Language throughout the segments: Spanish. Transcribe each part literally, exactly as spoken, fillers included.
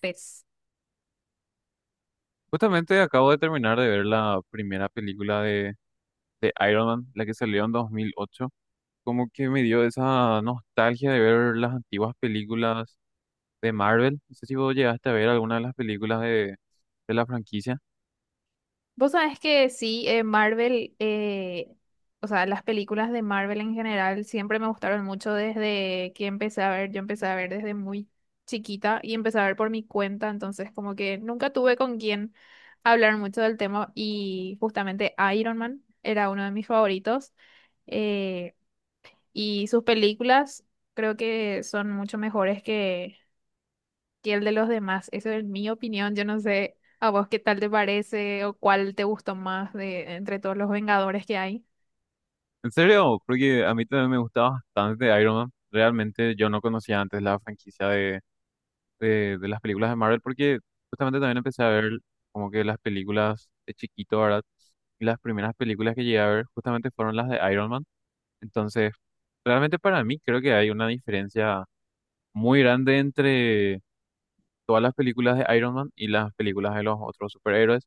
Pues, Justamente acabo de terminar de ver la primera película de, de Iron Man, la que salió en dos mil ocho. Como que me dio esa nostalgia de ver las antiguas películas de Marvel. No sé si vos llegaste a ver alguna de las películas de, de la franquicia. vos sabés que sí, eh, Marvel, eh, o sea, las películas de Marvel en general siempre me gustaron mucho desde que empecé a ver, yo empecé a ver desde muy chiquita y empecé a ver por mi cuenta, entonces como que nunca tuve con quién hablar mucho del tema y justamente Iron Man era uno de mis favoritos eh, y sus películas creo que son mucho mejores que el de los demás. Eso es mi opinión. Yo no sé a vos qué tal te parece o cuál te gustó más de entre todos los Vengadores que hay. En serio, porque a mí también me gusta bastante Iron Man. Realmente yo no conocía antes la franquicia de, de, de las películas de Marvel, porque justamente también empecé a ver como que las películas de chiquito, ¿verdad? Y las primeras películas que llegué a ver justamente fueron las de Iron Man. Entonces, realmente para mí creo que hay una diferencia muy grande entre todas las películas de Iron Man y las películas de los otros superhéroes.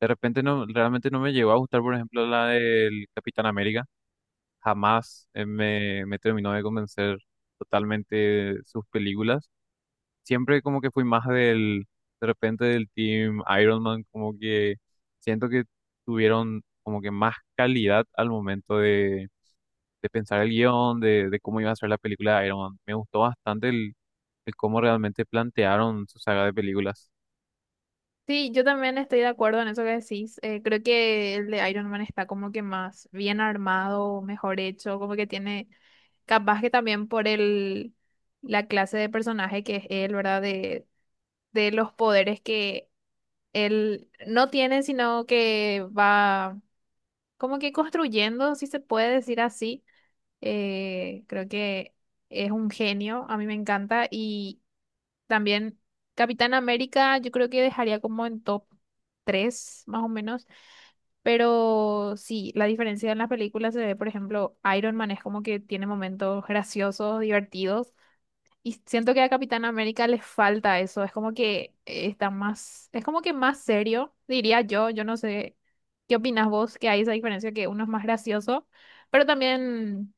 De repente no, realmente no me llegó a gustar, por ejemplo, la del Capitán América. Jamás eh, me, me terminó de convencer totalmente sus películas, siempre como que fui más del, de repente del team Iron Man, como que siento que tuvieron como que más calidad al momento de, de pensar el guión, de, de cómo iba a ser la película de Iron Man. Me gustó bastante el, el cómo realmente plantearon su saga de películas. Sí, yo también estoy de acuerdo en eso que decís. Eh, creo que el de Iron Man está como que más bien armado, mejor hecho, como que tiene, capaz que también por el, la clase de personaje que es él, ¿verdad? De, de los poderes que él no tiene, sino que va como que construyendo, si se puede decir así. Eh, creo que es un genio, a mí me encanta. Y también Capitán América, yo creo que dejaría como en top tres más o menos. Pero sí, la diferencia en las películas se ve, por ejemplo, Iron Man es como que tiene momentos graciosos, divertidos. Y siento que a Capitán América le falta eso, es como que eh, está más, es como que más serio, diría yo, yo no sé qué opinas vos, que hay esa diferencia que uno es más gracioso, pero también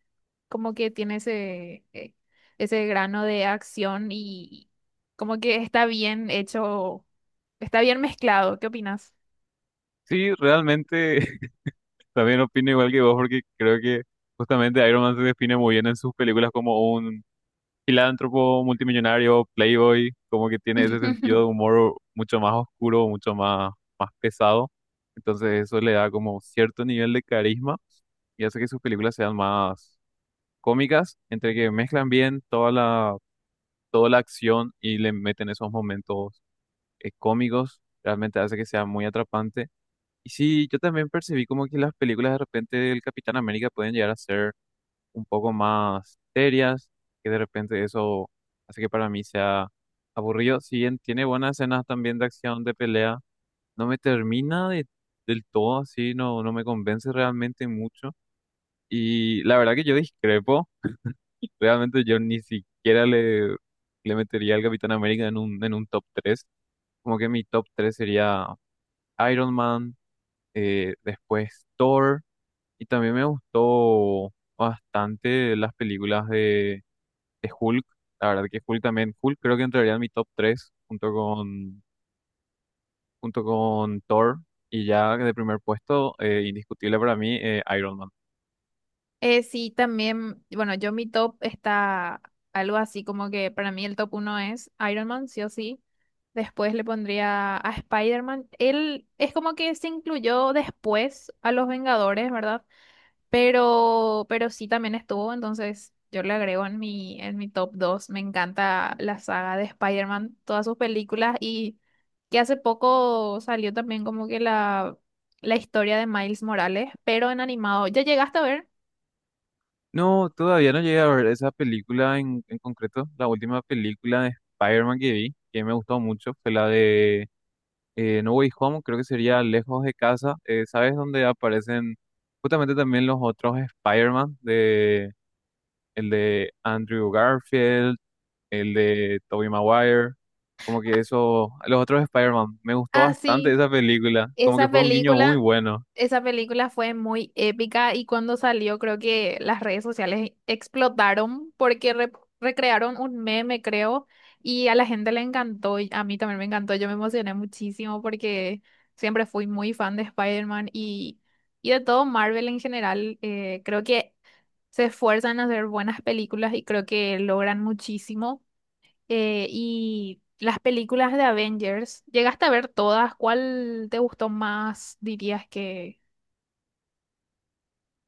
como que tiene ese, eh, ese grano de acción y como que está bien hecho, está bien mezclado, ¿qué opinas? Sí, realmente también opino igual que vos, porque creo que justamente Iron Man se define muy bien en sus películas como un filántropo, multimillonario, playboy, como que tiene ese sentido de humor mucho más oscuro, mucho más, más pesado. Entonces eso le da como cierto nivel de carisma y hace que sus películas sean más cómicas, entre que mezclan bien toda la, toda la acción y le meten esos momentos eh, cómicos, realmente hace que sea muy atrapante. Y sí, yo también percibí como que las películas de repente del Capitán América pueden llegar a ser un poco más serias, que de repente eso hace que para mí sea aburrido. Si bien tiene buenas escenas también de acción, de pelea, no me termina de, del todo así, no, no me convence realmente mucho. Y la verdad que yo discrepo, realmente yo ni siquiera le, le metería al Capitán América en un, en un top tres. Como que mi top tres sería Iron Man, eh, después Thor, y también me gustó bastante las películas de de Hulk. La verdad que Hulk también, Hulk creo que entraría en mi top tres junto con, junto con Thor. Y ya de primer puesto, eh, indiscutible para mí, eh, Iron Man. Eh, sí, también, bueno, yo mi top está algo así como que para mí el top uno es Iron Man, sí o sí. Después le pondría a Spider-Man. Él es como que se incluyó después a los Vengadores, ¿verdad? Pero, pero sí también estuvo, entonces yo le agrego en mi, en mi top dos. Me encanta la saga de Spider-Man, todas sus películas y que hace poco salió también como que la, la historia de Miles Morales, pero en animado. ¿Ya llegaste a ver? No, todavía no llegué a ver esa película en, en concreto. La última película de Spider-Man que vi, que me gustó mucho, fue la de eh, No Way Home, creo que sería Lejos de Casa. Eh, ¿sabes dónde aparecen justamente también los otros Spider-Man? De, el de Andrew Garfield, el de Tobey Maguire, como que eso, los otros Spider-Man, me gustó Ah, bastante sí, esa película, como que esa fue un guiño muy película, bueno. esa película fue muy épica y cuando salió creo que las redes sociales explotaron porque re- recrearon un meme, creo, y a la gente le encantó y a mí también me encantó, yo me emocioné muchísimo porque siempre fui muy fan de Spider-Man y, y de todo Marvel en general, eh, creo que se esfuerzan a hacer buenas películas y creo que logran muchísimo. Eh, y las películas de Avengers. ¿Llegaste a ver todas? ¿Cuál te gustó más, dirías que...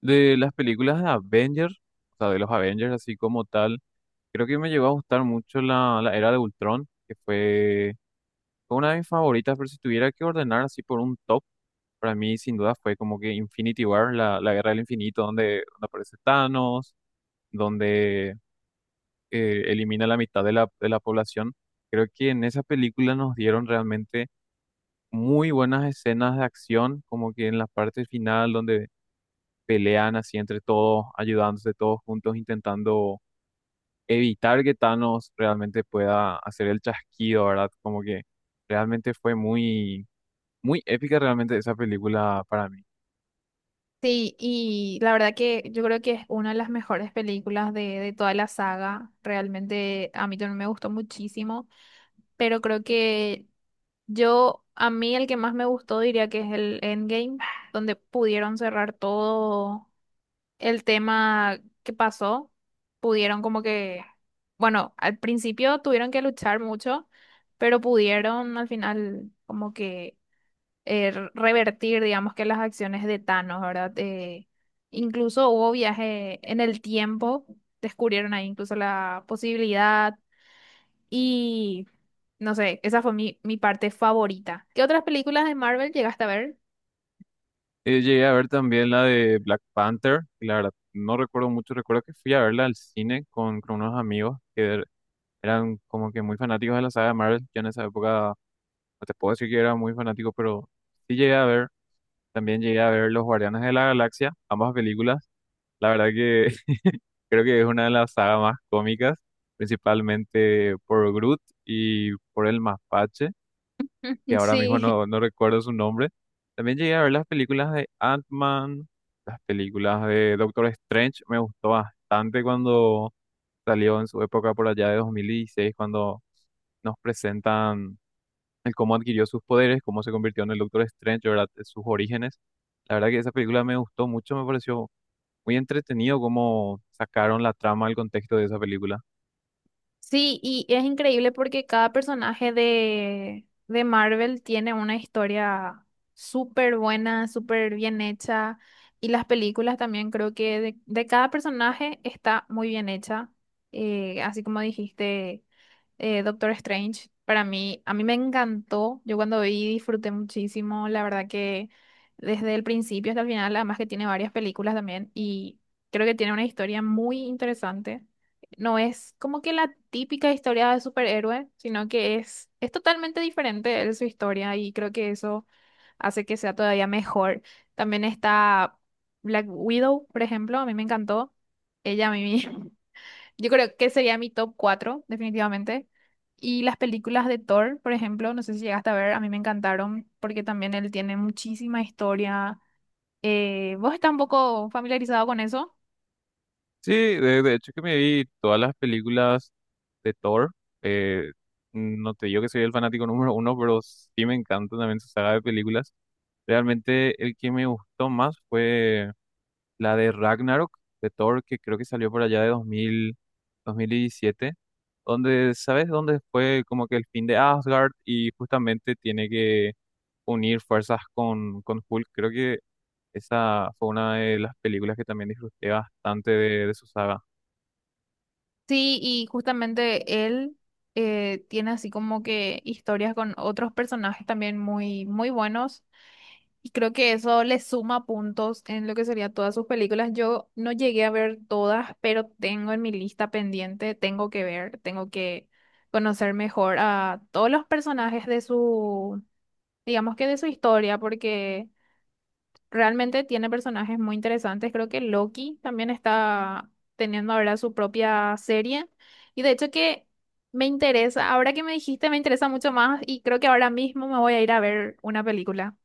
De las películas de Avengers, o sea, de los Avengers así como tal, creo que me llegó a gustar mucho la, la Era de Ultron, que fue, fue una de mis favoritas, pero si tuviera que ordenar así por un top, para mí sin duda fue como que Infinity War, la, la Guerra del Infinito, donde, donde aparece Thanos, donde eh, elimina la mitad de la, de la población. Creo que en esa película nos dieron realmente muy buenas escenas de acción, como que en la parte final donde pelean así entre todos, ayudándose todos juntos, intentando evitar que Thanos realmente pueda hacer el chasquido, ¿verdad? Como que realmente fue muy, muy épica realmente esa película para mí. Sí, y la verdad que yo creo que es una de las mejores películas de, de toda la saga. Realmente a mí también me gustó muchísimo, pero creo que yo, a mí el que más me gustó diría que es el Endgame, donde pudieron cerrar todo el tema que pasó, pudieron como que, bueno, al principio tuvieron que luchar mucho, pero pudieron al final como que eh, re- revertir, digamos que las acciones de Thanos, ¿verdad? Eh, incluso hubo viaje en el tiempo, descubrieron ahí incluso la posibilidad y no sé, esa fue mi, mi parte favorita. ¿Qué otras películas de Marvel llegaste a ver? Eh, llegué a ver también la de Black Panther, y la verdad no recuerdo mucho, recuerdo que fui a verla al cine con, con unos amigos que er, eran como que muy fanáticos de la saga de Marvel. Yo en esa época, no te puedo decir que era muy fanático, pero sí llegué a ver. También llegué a ver Los Guardianes de la Galaxia, ambas películas. La verdad que creo que es una de las sagas más cómicas, principalmente por Groot y por el mapache, que ahora mismo Sí, no, no recuerdo su nombre. También llegué a ver las películas de Ant-Man, las películas de Doctor Strange. Me gustó bastante cuando salió en su época por allá de dos mil dieciséis, cuando nos presentan el cómo adquirió sus poderes, cómo se convirtió en el Doctor Strange, ¿verdad? Sus orígenes. La verdad que esa película me gustó mucho, me pareció muy entretenido cómo sacaron la trama, el contexto de esa película. sí, y es increíble porque cada personaje de, de Marvel tiene una historia súper buena, súper bien hecha. Y las películas también creo que de, de cada personaje está muy bien hecha. Eh, así como dijiste eh, Doctor Strange, para mí, a mí me encantó. Yo cuando vi disfruté muchísimo. La verdad que desde el principio hasta el final, además que tiene varias películas también y creo que tiene una historia muy interesante. No es como que la típica historia de superhéroe, sino que es, es totalmente diferente de su historia y creo que eso hace que sea todavía mejor. También está Black Widow, por ejemplo, a mí me encantó. Ella a mí yo creo que sería mi top cuatro definitivamente. Y las películas de Thor, por ejemplo, no sé si llegaste a ver, a mí me encantaron porque también él tiene muchísima historia. Eh, ¿vos estás un poco familiarizado con eso? Sí, de, de hecho que me vi todas las películas de Thor. eh, no te digo que soy el fanático número uno, pero sí me encanta también su saga de películas. Realmente el que me gustó más fue la de Ragnarok, de Thor, que creo que salió por allá de dos mil, dos mil diecisiete. Donde, ¿sabes dónde fue como que el fin de Asgard y justamente tiene que unir fuerzas con, con Hulk? Creo que esa fue una de las películas que también disfruté bastante de, de su saga. Sí, y justamente él eh, tiene así como que historias con otros personajes también muy, muy buenos. Y creo que eso le suma puntos en lo que sería todas sus películas. Yo no llegué a ver todas, pero tengo en mi lista pendiente, tengo que ver, tengo que conocer mejor a todos los personajes de su, digamos que de su historia, porque realmente tiene personajes muy interesantes. Creo que Loki también está teniendo ahora su propia serie. Y de hecho que me interesa, ahora que me dijiste, me interesa mucho más y creo que ahora mismo me voy a ir a ver una película.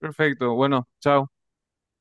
Perfecto, bueno, chao.